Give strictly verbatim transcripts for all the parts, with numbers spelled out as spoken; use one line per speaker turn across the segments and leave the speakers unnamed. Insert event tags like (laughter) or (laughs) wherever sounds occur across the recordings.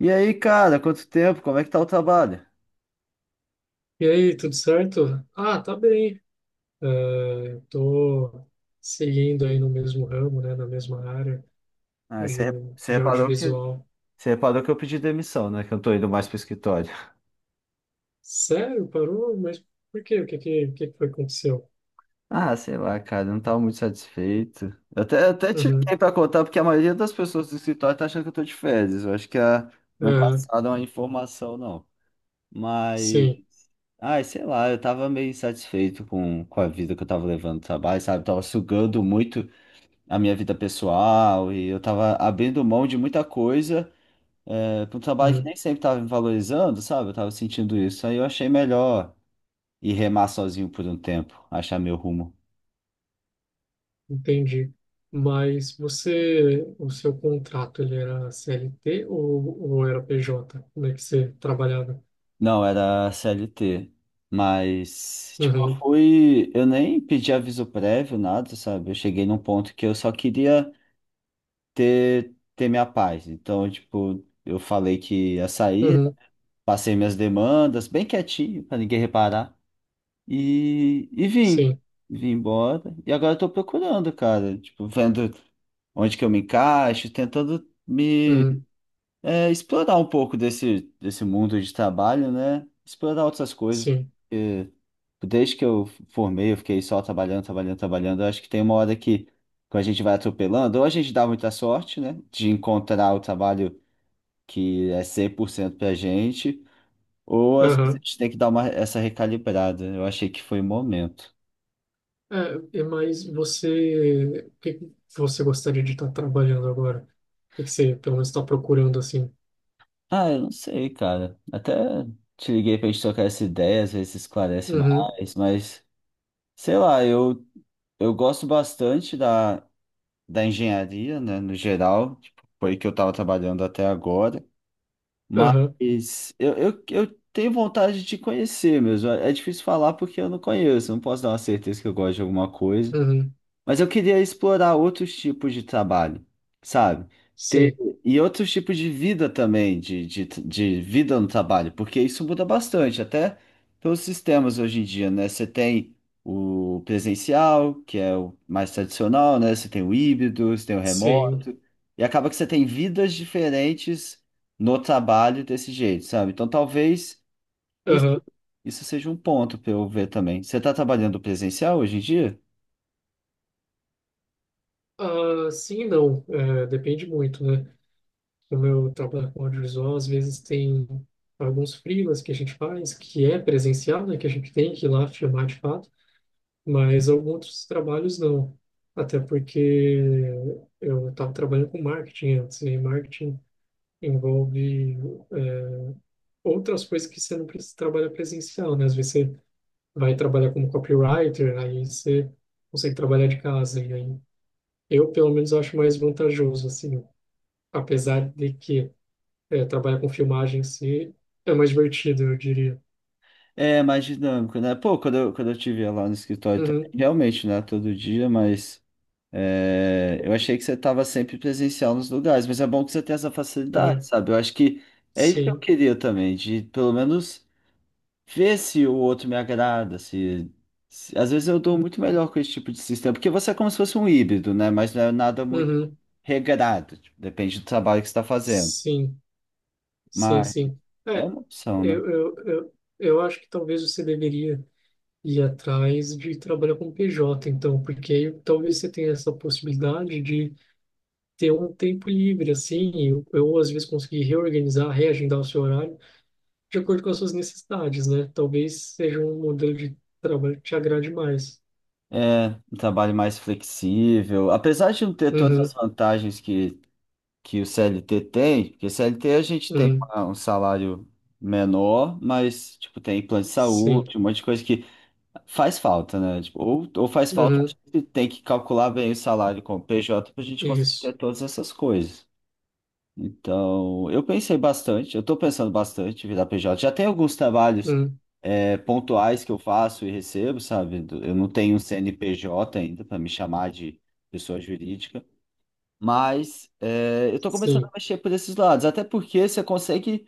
E aí, cara, quanto tempo? Como é que tá o trabalho?
E aí, tudo certo? Ah, tá bem. Eh, tô seguindo aí no mesmo ramo, né, na mesma área
Ah,
de,
você, você
de
reparou que,
audiovisual.
você reparou que eu pedi demissão, né? Que eu tô indo mais pro escritório. (laughs)
Sério? Parou? Mas por quê? O que que, o que que foi que aconteceu?
Ah, sei lá, cara, eu não tava muito satisfeito. Eu até, eu até te liguei
Uhum,
pra contar, porque a maioria das pessoas do escritório tá achando que eu tô de férias. Eu acho que ah, não
aham,
passaram a informação, não. Mas,
sim.
ai, sei lá, eu tava meio insatisfeito com, com a vida que eu tava levando no trabalho, sabe? Tava sugando muito a minha vida pessoal e eu tava abrindo mão de muita coisa, é, para um trabalho que
Hum,
nem sempre estava me valorizando, sabe? Eu tava sentindo isso. Aí eu achei melhor ir remar sozinho por um tempo, achar meu rumo.
entendi. Mas você, o seu contrato, ele era C L T ou, ou era P J? Como é que você trabalhava?
Não, era C L T. Mas, tipo, eu
Uhum,
fui. Eu nem pedi aviso prévio, nada, sabe? Eu cheguei num ponto que eu só queria ter, ter minha paz. Então, tipo, eu falei que ia sair,
uhum,
passei minhas demandas, bem quietinho, pra ninguém reparar. E, e vim.
sim,
Vim embora. E agora eu tô procurando, cara. Tipo, vendo onde que eu me encaixo, tentando me
uhum,
é, explorar um pouco desse, desse mundo de trabalho, né? Explorar outras coisas,
sim,
porque desde que eu formei, eu fiquei só trabalhando, trabalhando, trabalhando. Eu acho que tem uma hora que, quando a gente vai atropelando, ou a gente dá muita sorte, né? De encontrar o trabalho que é cem por cento pra gente, ou às vezes a
aham.
gente tem que dar uma, essa recalibrada. Eu achei que foi o momento.
É, é, mas você, o que que você gostaria de estar trabalhando agora? O que que você, pelo menos, está procurando assim?
Ah, eu não sei, cara. Até te liguei pra gente trocar essa ideia, às vezes esclarece
Uhum,
mais, mas sei lá, eu, eu gosto bastante da, da engenharia, né, no geral, tipo, foi que eu tava trabalhando até agora,
aham,
mas eu, eu, eu tenho vontade de conhecer mesmo. É é difícil falar porque eu não conheço, não posso dar uma certeza que eu gosto de alguma coisa.
uhum,
Mas eu queria explorar outros tipos de trabalho, sabe? Ter,
sim,
e outros tipos de vida também, de, de, de vida no trabalho, porque isso muda bastante, até pelos sistemas hoje em dia, né? Você tem o presencial, que é o mais tradicional, né? Você tem o híbrido, você tem o
sim,
remoto, e acaba que você tem vidas diferentes no trabalho desse jeito, sabe? Então talvez isso,
aham.
isso seja um ponto para eu ver também. Você está trabalhando presencial hoje em dia?
Ah, sim e não, é, depende muito, né? Como eu trabalho com audiovisual, às vezes tem alguns freelas que a gente faz, que é presencial, né? Que a gente tem que ir lá filmar de fato, mas alguns outros trabalhos não. Até porque eu estava trabalhando com marketing antes, e marketing envolve é, outras coisas que você não precisa trabalhar presencial, né? Às vezes você vai trabalhar como copywriter, aí você consegue trabalhar de casa. E aí eu, pelo menos, acho mais vantajoso, assim, apesar de que é, trabalhar com filmagem em si é mais divertido, eu diria.
É mais dinâmico, né? Pô, quando eu, quando eu te via lá no escritório também,
Uhum,
realmente, né? Todo dia, mas é, eu achei que você estava sempre presencial nos lugares, mas é bom que você tenha essa facilidade,
uhum,
sabe? Eu acho que é isso que eu
sim,
queria também, de pelo menos ver se o outro me agrada, se, se- às vezes eu dou muito melhor com esse tipo de sistema, porque você é como se fosse um híbrido, né? Mas não é nada muito
uhum,
regrado, tipo, depende do trabalho que você está fazendo.
sim, sim,
Mas
sim.
é
É,
uma opção, né?
eu, eu, eu, eu acho que talvez você deveria ir atrás de trabalhar com P J, então, porque aí talvez você tenha essa possibilidade de ter um tempo livre, assim, eu, eu às vezes conseguir reorganizar, reagendar o seu horário de acordo com as suas necessidades, né? Talvez seja um modelo de trabalho que te agrade mais.
É, um trabalho mais flexível. Apesar de não ter todas as
Uhum,
vantagens que, que o C L T tem, porque C L T a gente tem
uhum,
uma- um salário menor, mas tipo, tem plano de
sim,
saúde, um monte de coisa que faz falta, né? Tipo, ou, ou faz falta, a
uhum,
gente tem que calcular bem o salário com o P J para a gente conseguir
isso,
ter todas essas coisas. Então, eu pensei bastante, eu estou pensando bastante em virar P J. Já tem alguns trabalhos
uhum,
é, pontuais que eu faço e recebo, sabe? Do- Eu não tenho um C N P J ainda para me chamar de pessoa jurídica, mas é, eu estou começando
sim,
a mexer por esses lados, até porque você consegue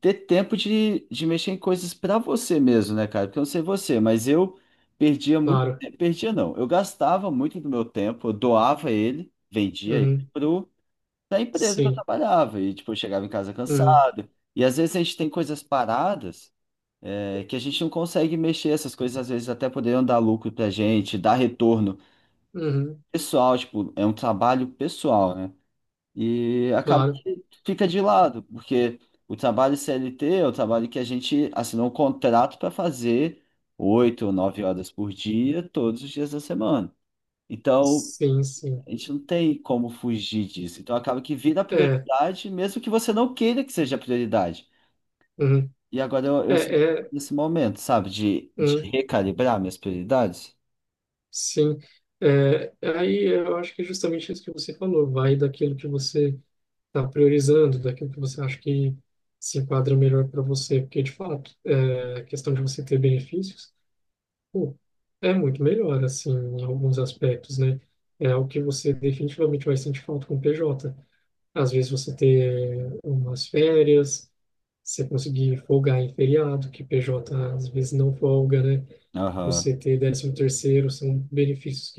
ter tempo de, de mexer em coisas para você mesmo, né, cara? Porque eu não sei você, mas eu perdia muito
claro,
tempo, perdia não, eu gastava muito do meu tempo, eu doava ele, vendia ele
uhum,
pro, pra empresa que eu
sim,
trabalhava, e tipo, eu chegava em casa
uhum,
cansado, e às vezes a gente tem coisas paradas é que a gente não consegue mexer, essas coisas às vezes até poderiam dar lucro pra gente, dar retorno
uhum,
pessoal, tipo, é um trabalho pessoal, né? E acaba
claro,
que fica de lado, porque o trabalho C L T é o trabalho que a gente assinou um contrato para fazer oito ou nove horas por dia, todos os dias da semana. Então,
sim, sim,
a gente não tem como fugir disso. Então, acaba que vira
é,
prioridade, mesmo que você não queira que seja prioridade.
uhum,
E agora eu,
é,
eu sinto que eu tô
é,
nesse momento, sabe? De, de
uhum.
recalibrar minhas prioridades.
Sim, é, aí eu acho que é justamente isso que você falou, vai daquilo que você está priorizando, daquilo que você acha que se enquadra melhor para você, porque de fato, é, a questão de você ter benefícios, pô, é muito melhor, assim, em alguns aspectos, né? É o que você definitivamente vai sentir falta com o P J. Às vezes você ter umas férias, você conseguir folgar em feriado, que P J às vezes não folga, né?
Aham.
Você ter décimo terceiro, são benefícios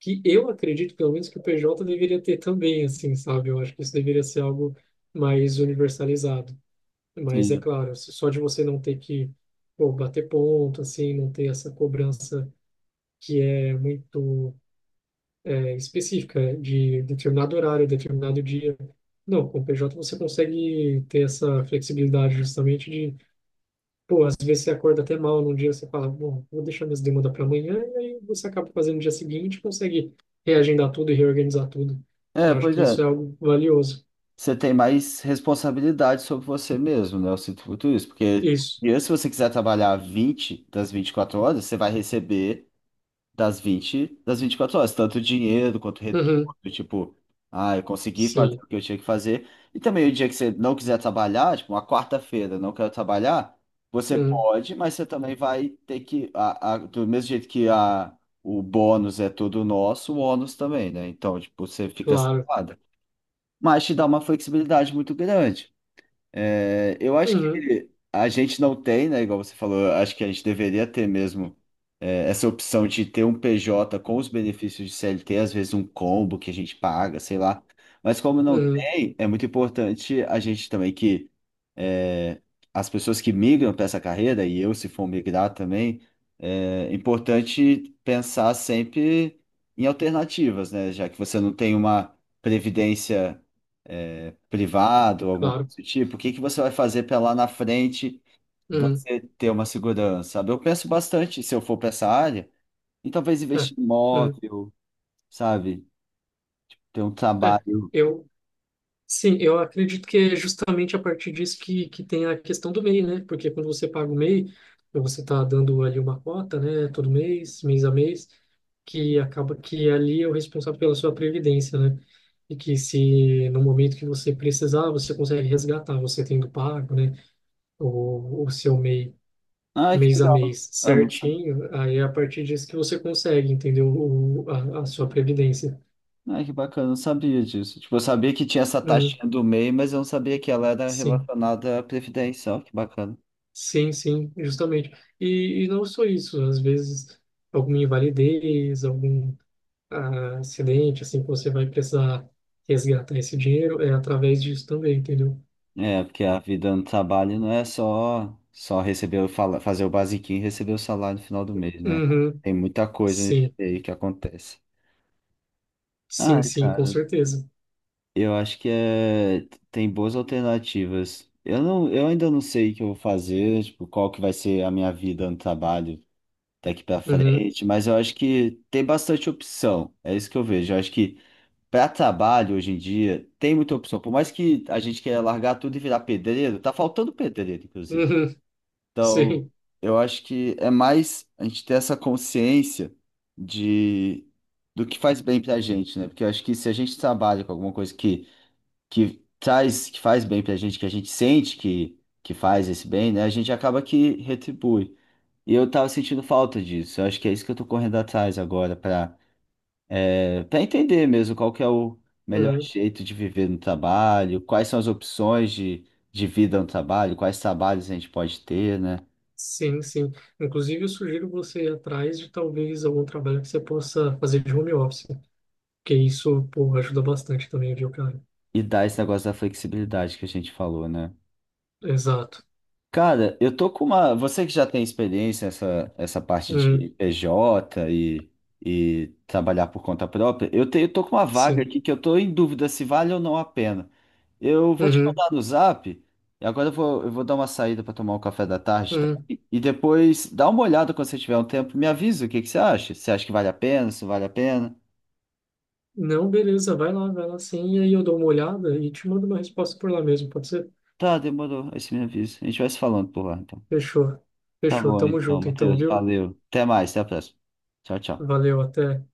que eu acredito, pelo menos, que o P J deveria ter também, assim, sabe? Eu acho que isso deveria ser algo mais universalizado. Mas é
Sim.
claro, só de você não ter que, pô, bater ponto, assim, não ter essa cobrança que é muito é, específica de determinado horário, determinado dia. Não, com o P J você consegue ter essa flexibilidade justamente de... Pô, às vezes você acorda até mal num dia, você fala, bom, vou deixar minhas demandas para amanhã, e aí você acaba fazendo no dia seguinte, consegue reagendar tudo e reorganizar tudo.
É,
Eu acho
pois
que
é.
isso é algo valioso.
Você tem mais responsabilidade sobre você mesmo, né? Eu sinto muito isso. Porque
Isso.
e se você quiser trabalhar vinte das vinte e quatro horas, você vai receber das vinte, das vinte e quatro horas, tanto dinheiro quanto retorno,
Uhum.
tipo, ah, eu consegui fazer
Sim.
o que eu tinha que fazer. E também o dia que você não quiser trabalhar, tipo, uma quarta-feira, não quero trabalhar, você
Uhum.
pode, mas você também vai ter que, a, a- do mesmo jeito que a, o bônus é todo nosso, o ônus também, né? Então, tipo, você fica sem
Claro.
nada. Mas te dá uma flexibilidade muito grande. É, eu acho
Uhum.
que a gente não tem, né? Igual você falou, acho que a gente deveria ter mesmo é, essa opção de ter um P J com os benefícios de C L T, às vezes um combo que a gente paga, sei lá. Mas como não
Uhum.
tem, é muito importante a gente também que é, as pessoas que migram para essa carreira, e eu se for migrar também, é importante pensar sempre em alternativas, né? Já que você não tem uma previdência é, privada ou alguma
Claro.
coisa do tipo, o que que você vai fazer para lá na frente
Uhum.
você ter uma segurança, sabe? Eu penso bastante, se eu for para essa área, em talvez
É.
investir em
Uhum.
imóvel, sabe? Ter um
É.
trabalho.
Eu... Sim, eu acredito que é justamente a partir disso que, que tem a questão do MEI, né? Porque quando você paga o MEI, você está dando ali uma cota, né? Todo mês, mês a mês, que acaba que ali é o responsável pela sua previdência, né? E que se no momento que você precisar, você consegue resgatar, você tendo pago, né? O, o seu MEI
Ai, que
mês a
legal.
mês
Ah, não sabia.
certinho, aí é a partir disso que você consegue, entendeu? O, a, a sua previdência.
Ai, que bacana, não sabia disso. Tipo, eu sabia que tinha essa
Uhum,
taxinha do MEI, mas eu não sabia que ela era
sim.
relacionada à previdência. Ó, que bacana.
Sim, sim, justamente. E, e não só isso, às vezes alguma invalidez, algum ah, acidente, assim, que você vai precisar resgatar esse dinheiro, é através disso também, entendeu?
É, porque a vida no trabalho não é só só receber, o fala- fazer o basiquinho e receber o salário no final do mês, né?
Uhum,
Tem muita coisa
sim,
aí que acontece.
sim,
Ai,
sim, com
cara.
certeza.
Eu acho que é, tem boas alternativas. Eu não, eu ainda não sei o que eu vou fazer, tipo, qual que vai ser a minha vida no trabalho daqui pra
Uhum,
frente, mas eu acho que tem bastante opção. É isso que eu vejo. Eu acho que para trabalho hoje em dia tem muita opção. Por mais que a gente queira largar tudo e virar pedreiro, tá faltando pedreiro, inclusive.
uhum, (laughs)
Então,
sim,
eu acho que é mais a gente ter essa consciência de do que faz bem pra gente, né? Porque eu acho que se a gente trabalha com alguma coisa que que traz, que faz bem pra gente, que a gente sente que, que faz esse bem, né? A gente acaba que retribui. E eu tava sentindo falta disso. Eu acho que é isso que eu tô correndo atrás agora pra é, para entender mesmo qual que é o melhor
uhum,
jeito de viver no trabalho, quais são as opções de, de vida no trabalho, quais trabalhos a gente pode ter, né?
sim, sim. Inclusive, eu sugiro você ir atrás de talvez algum trabalho que você possa fazer de home office, porque isso, pô, ajuda bastante também, viu, cara?
E dar esse negócio da flexibilidade que a gente falou, né?
Exato.
Cara, eu tô com uma. Você que já tem experiência nessa essa parte de
Uhum,
P J e, e trabalhar por conta própria, eu tenho, tô com uma vaga
sim.
aqui que eu tô em dúvida se vale ou não a pena. Eu vou te
Uhum,
mandar no Zap, e agora eu vou, eu vou dar uma saída para tomar um café da tarde
uhum.
também, e depois dá uma olhada quando você tiver um tempo, me avisa o que que você acha. Você acha que vale a pena, se não vale a pena?
Não, beleza, vai lá, vai lá sim, e aí eu dou uma olhada e te mando uma resposta por lá mesmo, pode ser?
Tá, demorou, aí você me avisa. A gente vai se falando por lá, então.
Fechou.
Tá
Fechou,
bom,
tamo
então,
junto então,
Matheus,
viu?
valeu. Até mais, até a próxima. Tchau, tchau.
Valeu, até.